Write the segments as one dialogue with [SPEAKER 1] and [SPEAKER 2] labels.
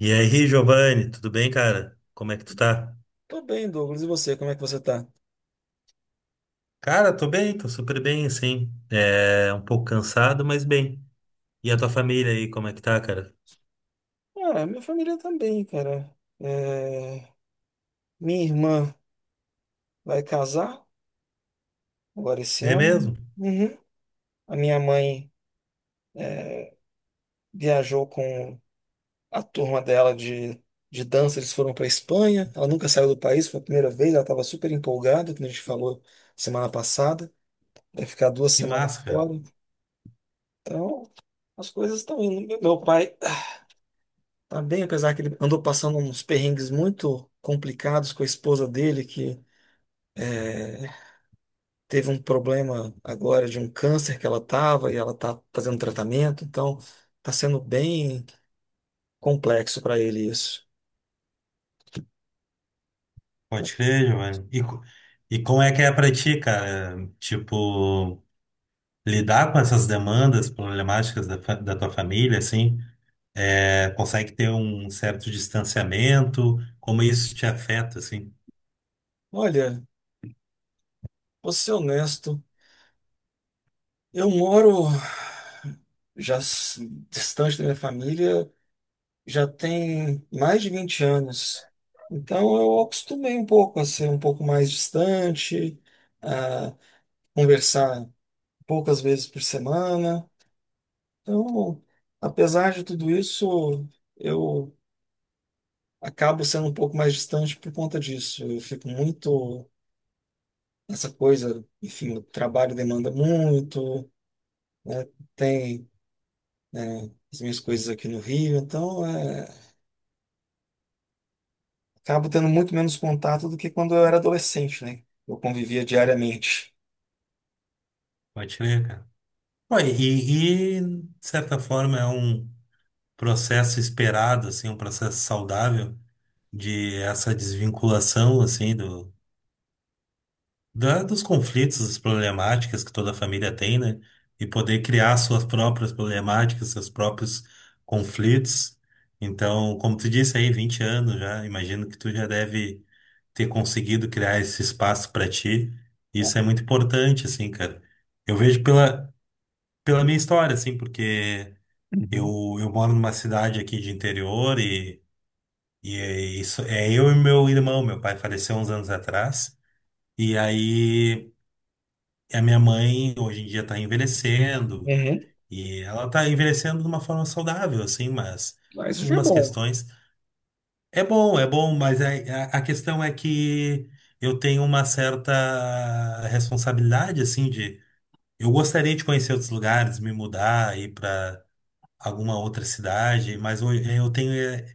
[SPEAKER 1] E aí, Giovanni, tudo bem, cara? Como é que tu tá?
[SPEAKER 2] Tô bem, Douglas. E você, como é que você tá?
[SPEAKER 1] Cara, tô bem, tô super bem, assim. É um pouco cansado, mas bem. E a tua família aí, como é que tá, cara?
[SPEAKER 2] Ah, minha família também, cara. É, minha irmã vai casar agora esse
[SPEAKER 1] É
[SPEAKER 2] ano.
[SPEAKER 1] mesmo?
[SPEAKER 2] Uhum. A minha mãe viajou com a turma dela de dança, eles foram para Espanha. Ela nunca saiu do país, foi a primeira vez, ela estava super empolgada, como a gente falou semana passada. Vai ficar duas
[SPEAKER 1] Que
[SPEAKER 2] semanas
[SPEAKER 1] massa, cara.
[SPEAKER 2] fora. Então, as coisas estão indo. Meu pai tá bem, apesar que ele andou passando uns perrengues muito complicados com a esposa dele, que teve um problema agora de um câncer que ela estava e ela está fazendo tratamento, então está sendo bem complexo para ele isso.
[SPEAKER 1] Pode crer, Giovanni. E como é que é pra ti, cara? Tipo, lidar com essas demandas problemáticas da tua família, assim, é, consegue ter um certo distanciamento? Como isso te afeta, assim?
[SPEAKER 2] Olha, vou ser honesto, eu moro já distante da minha família já tem mais de 20 anos, então eu acostumei um pouco a ser um pouco mais distante, a conversar poucas vezes por semana. Então, apesar de tudo isso, eu acabo sendo um pouco mais distante por conta disso. Eu fico muito nessa coisa, enfim, o trabalho demanda muito, né? Tem, né, as minhas coisas aqui no Rio, então é, acabo tendo muito menos contato do que quando eu era adolescente, né? Eu convivia diariamente.
[SPEAKER 1] Pode crer, cara. Pô, de certa forma, é um processo esperado, assim, um processo saudável de essa desvinculação, assim, da, dos conflitos, das problemáticas que toda família tem, né? E poder criar suas próprias problemáticas, seus próprios conflitos. Então, como tu disse aí, 20 anos já, imagino que tu já deve ter conseguido criar esse espaço para ti. Isso é muito importante, assim, cara. Eu vejo pela minha história, assim, porque
[SPEAKER 2] Uhum.
[SPEAKER 1] eu moro numa cidade aqui de interior e é isso, é eu e meu irmão, meu pai faleceu uns anos atrás, e aí a minha mãe hoje em dia está envelhecendo,
[SPEAKER 2] Uhum.
[SPEAKER 1] e ela está envelhecendo de uma forma saudável, assim, mas
[SPEAKER 2] Mas isso já é
[SPEAKER 1] algumas
[SPEAKER 2] bom.
[SPEAKER 1] questões. É bom, mas a questão é que eu tenho uma certa responsabilidade, assim, de eu gostaria de conhecer outros lugares, me mudar, ir para alguma outra cidade, mas eu tenho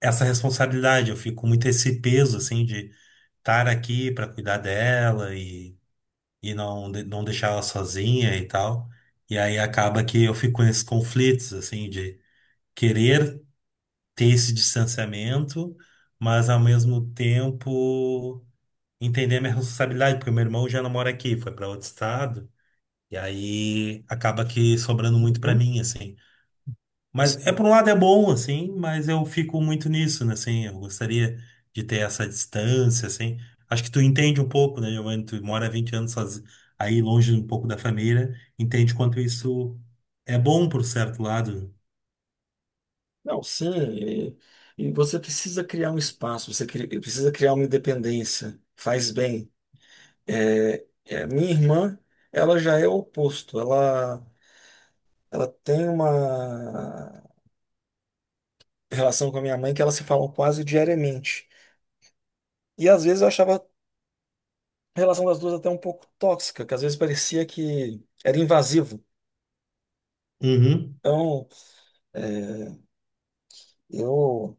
[SPEAKER 1] essa responsabilidade, eu fico com muito esse peso, assim, de estar aqui para cuidar dela e não deixar ela sozinha e tal. E aí acaba que eu fico nesses conflitos, assim, de querer ter esse distanciamento, mas ao mesmo tempo entender a minha responsabilidade, porque meu irmão já não mora aqui, foi para outro estado, e aí acaba que sobrando muito para
[SPEAKER 2] Uhum.
[SPEAKER 1] mim, assim. Mas é
[SPEAKER 2] Sim.
[SPEAKER 1] por um lado é bom, assim, mas eu fico muito nisso, né? Assim, eu gostaria de ter essa distância, assim. Acho que tu entende um pouco, né, Giovanni? Tu mora 20 anos soz- Aí longe um pouco da família, entende quanto isso é bom por certo lado.
[SPEAKER 2] Não, sim, e você precisa criar um espaço, você precisa criar uma independência, faz bem. É, minha irmã, ela já é o oposto. Ela tem uma relação com a minha mãe que elas se falam quase diariamente. E às vezes eu achava a relação das duas até um pouco tóxica, que às vezes parecia que era invasivo.
[SPEAKER 1] Uhum.
[SPEAKER 2] Então, é, eu,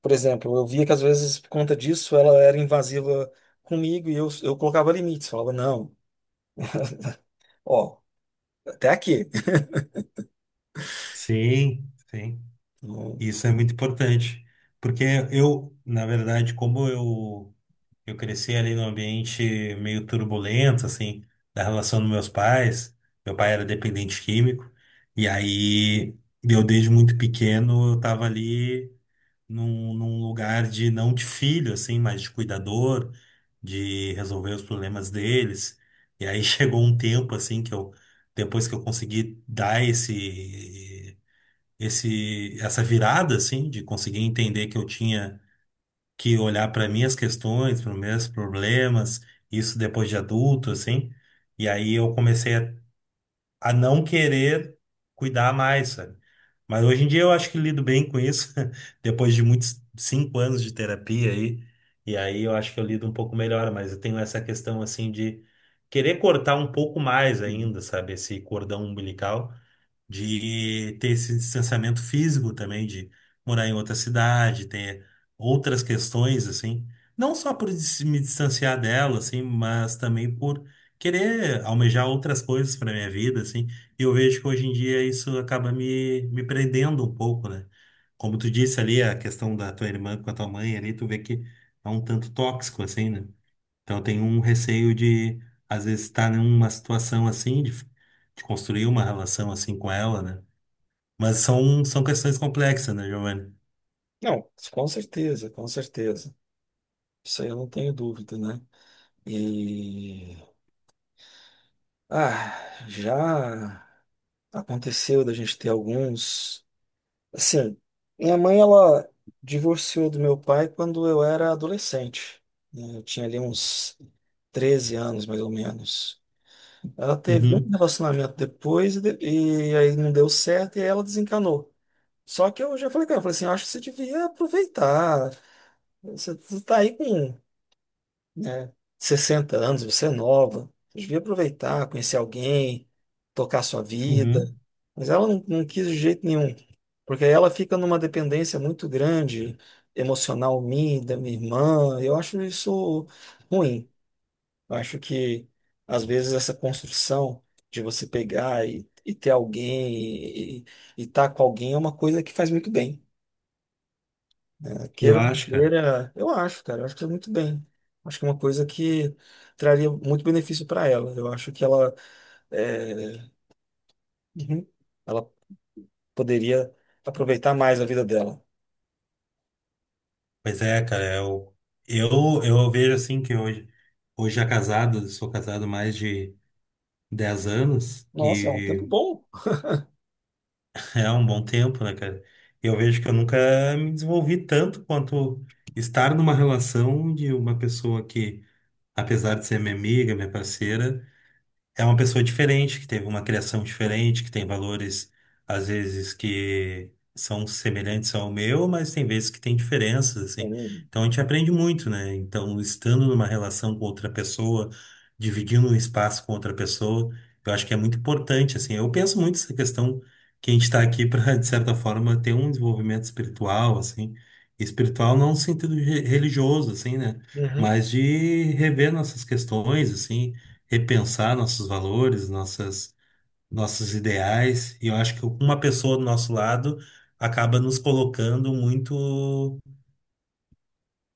[SPEAKER 2] por exemplo, eu via que às vezes por conta disso ela era invasiva comigo e eu colocava limites. Falava, não, ó, até aqui.
[SPEAKER 1] Sim, sim.
[SPEAKER 2] Não,
[SPEAKER 1] Isso é muito importante. Porque eu, na verdade, como eu cresci ali num ambiente meio turbulento, assim, da relação dos meus pais. Meu pai era dependente químico, e aí eu, desde muito pequeno, eu tava ali num lugar de, não de filho, assim, mas de cuidador, de resolver os problemas deles. E aí chegou um tempo, assim, depois que eu consegui dar essa virada, assim, de conseguir entender que eu tinha que olhar para minhas questões, para meus problemas, isso depois de adulto, assim. E aí eu comecei a não querer cuidar mais, sabe? Mas hoje em dia eu acho que lido bem com isso, depois de muitos 5 anos de terapia aí. E aí eu acho que eu lido um pouco melhor, mas eu tenho essa questão assim de querer cortar um pouco mais
[SPEAKER 2] Uhum.
[SPEAKER 1] ainda, sabe? Esse cordão umbilical de ter esse distanciamento físico também, de morar em outra cidade, ter outras questões, assim. Não só por me distanciar dela, assim, mas também por querer almejar outras coisas para minha vida, assim. E eu vejo que hoje em dia isso acaba me prendendo um pouco, né? Como tu disse ali, a questão da tua irmã com a tua mãe ali, tu vê que é um tanto tóxico, assim, né? Então eu tenho um receio de, às vezes, estar numa situação assim, de construir uma relação assim com ela, né? Mas são questões complexas, né, Giovanni?
[SPEAKER 2] Não, com certeza, com certeza. Isso aí eu não tenho dúvida, né? E ah, já aconteceu da gente ter alguns. Assim, minha mãe ela divorciou do meu pai quando eu era adolescente, né? Eu tinha ali uns 13 anos, mais ou menos. Ela teve um
[SPEAKER 1] Uhum,
[SPEAKER 2] relacionamento depois e aí não deu certo e ela desencanou. Só que eu já falei com ela, falei assim, acho que você devia aproveitar. Você tá aí com, né, 60 anos, você é nova, você devia aproveitar, conhecer alguém, tocar sua vida.
[SPEAKER 1] uhum.
[SPEAKER 2] Mas ela não, não quis de jeito nenhum, porque aí ela fica numa dependência muito grande, emocional minha, e da minha irmã. Eu acho isso ruim. Eu acho que, às vezes, essa construção de você pegar e, ter alguém e estar com alguém é uma coisa que faz muito bem.
[SPEAKER 1] Eu
[SPEAKER 2] Queira ou não
[SPEAKER 1] acho, cara.
[SPEAKER 2] queira, eu acho, cara, eu acho que é muito bem. Acho que é uma coisa que traria muito benefício para ela. Eu acho que ela, é, uhum, ela poderia aproveitar mais a vida dela.
[SPEAKER 1] Pois é, cara, eu, eu vejo assim que hoje já casado, eu sou casado há mais de 10 anos
[SPEAKER 2] Nossa, é um tempo
[SPEAKER 1] e
[SPEAKER 2] bom.
[SPEAKER 1] é um bom tempo, né, cara? Eu vejo que eu nunca me desenvolvi tanto quanto estar numa relação de uma pessoa que, apesar de ser minha amiga, minha parceira, é uma pessoa diferente, que teve uma criação diferente, que tem valores, às vezes, que são semelhantes ao meu, mas tem vezes que tem diferenças, assim.
[SPEAKER 2] Uhum.
[SPEAKER 1] Então a gente aprende muito, né? Então, estando numa relação com outra pessoa, dividindo um espaço com outra pessoa, eu acho que é muito importante, assim. Eu penso muito nessa questão que a gente está aqui para, de certa forma, ter um desenvolvimento espiritual, assim. Espiritual não no sentido religioso, assim, né?
[SPEAKER 2] Uhum.
[SPEAKER 1] Mas de rever nossas questões, assim repensar nossos valores, nossos ideais. E eu acho que uma pessoa do nosso lado acaba nos colocando muito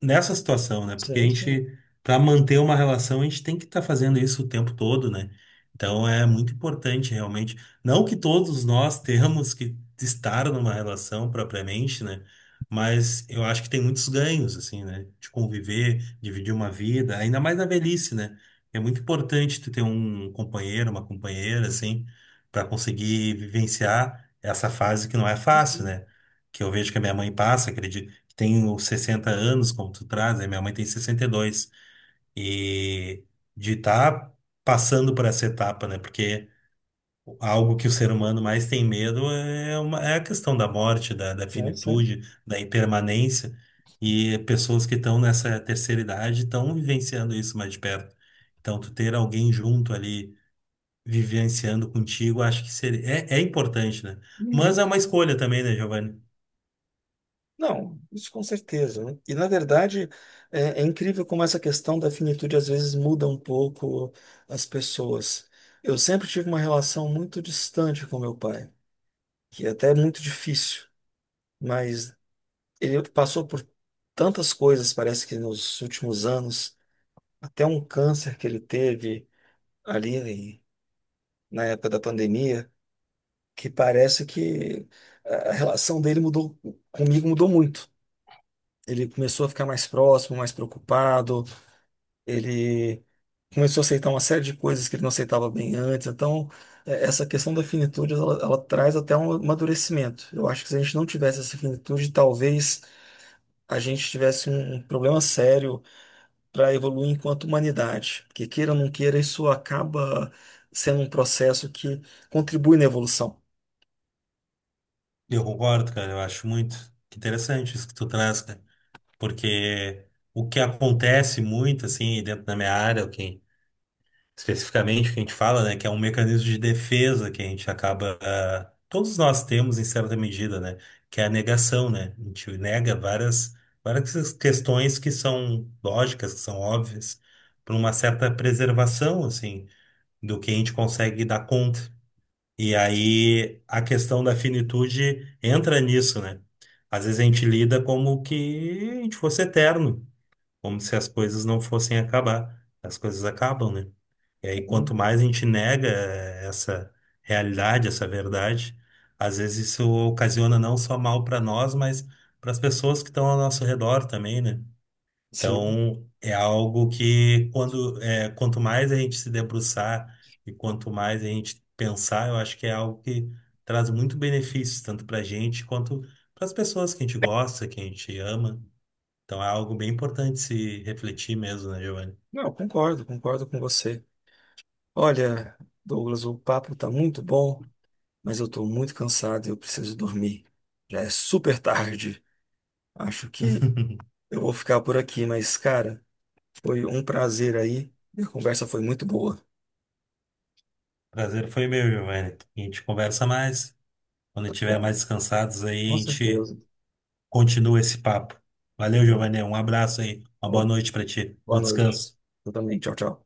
[SPEAKER 1] nessa situação, né? Porque a
[SPEAKER 2] Sim, sim.
[SPEAKER 1] gente, para manter uma relação, a gente tem que estar fazendo isso o tempo todo, né? Então é muito importante realmente. Não que todos nós temos que estar numa relação propriamente, né? Mas eu acho que tem muitos ganhos, assim, né? De conviver, dividir uma vida, ainda mais na velhice, né? É muito importante tu ter um companheiro, uma companheira, assim, para conseguir vivenciar essa fase que não é fácil,
[SPEAKER 2] Sim,
[SPEAKER 1] né? Que eu vejo que a minha mãe passa, acredito tenho 60 anos, como tu traz, né? Minha mãe tem 62. E dois. E de estar passando por essa etapa, né? Porque algo que o ser humano mais tem medo é, uma, é a questão da morte, da
[SPEAKER 2] sim. Sim.
[SPEAKER 1] finitude, da impermanência. E pessoas que estão nessa terceira idade estão vivenciando isso mais de perto. Então, tu ter alguém junto ali, vivenciando contigo, acho que é importante, né? Mas
[SPEAKER 2] Uhum.
[SPEAKER 1] é uma escolha também, né, Giovanni?
[SPEAKER 2] Não, isso com certeza, né? E na verdade, é incrível como essa questão da finitude às vezes muda um pouco as pessoas. Eu sempre tive uma relação muito distante com meu pai, que até é muito difícil, mas ele passou por tantas coisas, parece que nos últimos anos, até um câncer que ele teve ali na época da pandemia, que parece que a relação dele mudou, comigo mudou muito. Ele começou a ficar mais próximo, mais preocupado, ele começou a aceitar uma série de coisas que ele não aceitava bem antes, então essa questão da finitude, ela traz até um amadurecimento. Eu acho que se a gente não tivesse essa finitude, talvez a gente tivesse um problema sério para evoluir enquanto humanidade. Porque queira ou não queira, isso acaba sendo um processo que contribui na evolução.
[SPEAKER 1] Eu concordo, cara. Eu acho muito interessante isso que tu traz, cara. Porque o que acontece muito, assim, dentro da minha área, o que, especificamente o que a gente fala, né, que é um mecanismo de defesa que a gente acaba. Ah, todos nós temos, em certa medida, né, que é a negação, né? A gente nega várias questões que são lógicas, que são óbvias, por uma certa preservação, assim, do que a gente consegue dar conta. E aí a questão da finitude entra nisso, né? Às vezes a gente lida como que a gente fosse eterno, como se as coisas não fossem acabar. As coisas acabam, né? E aí quanto mais a gente nega essa realidade, essa verdade, às vezes isso ocasiona não só mal para nós, mas para as pessoas que estão ao nosso redor também, né?
[SPEAKER 2] Sim.
[SPEAKER 1] Então, é algo que quanto mais a gente se debruçar e quanto mais a gente pensar, eu acho que é algo que traz muito benefícios, tanto para a gente quanto para as pessoas que a gente gosta, que a gente ama. Então, é algo bem importante se refletir mesmo, né, Giovanni?
[SPEAKER 2] Não, concordo, concordo com você. Olha, Douglas, o papo está muito bom, mas eu estou muito cansado e eu preciso dormir. Já é super tarde. Acho que eu vou ficar por aqui, mas, cara, foi um prazer aí. A conversa foi muito boa.
[SPEAKER 1] Prazer foi meu, Giovanni. A gente conversa mais. Quando
[SPEAKER 2] Tá
[SPEAKER 1] estiver
[SPEAKER 2] bom,
[SPEAKER 1] mais descansados aí,
[SPEAKER 2] com
[SPEAKER 1] a gente
[SPEAKER 2] certeza.
[SPEAKER 1] continua esse papo. Valeu, Giovanni. Um abraço aí. Uma boa
[SPEAKER 2] Boa
[SPEAKER 1] noite para ti.
[SPEAKER 2] boa
[SPEAKER 1] Bom
[SPEAKER 2] noite.
[SPEAKER 1] descanso.
[SPEAKER 2] Eu também. Tchau, tchau.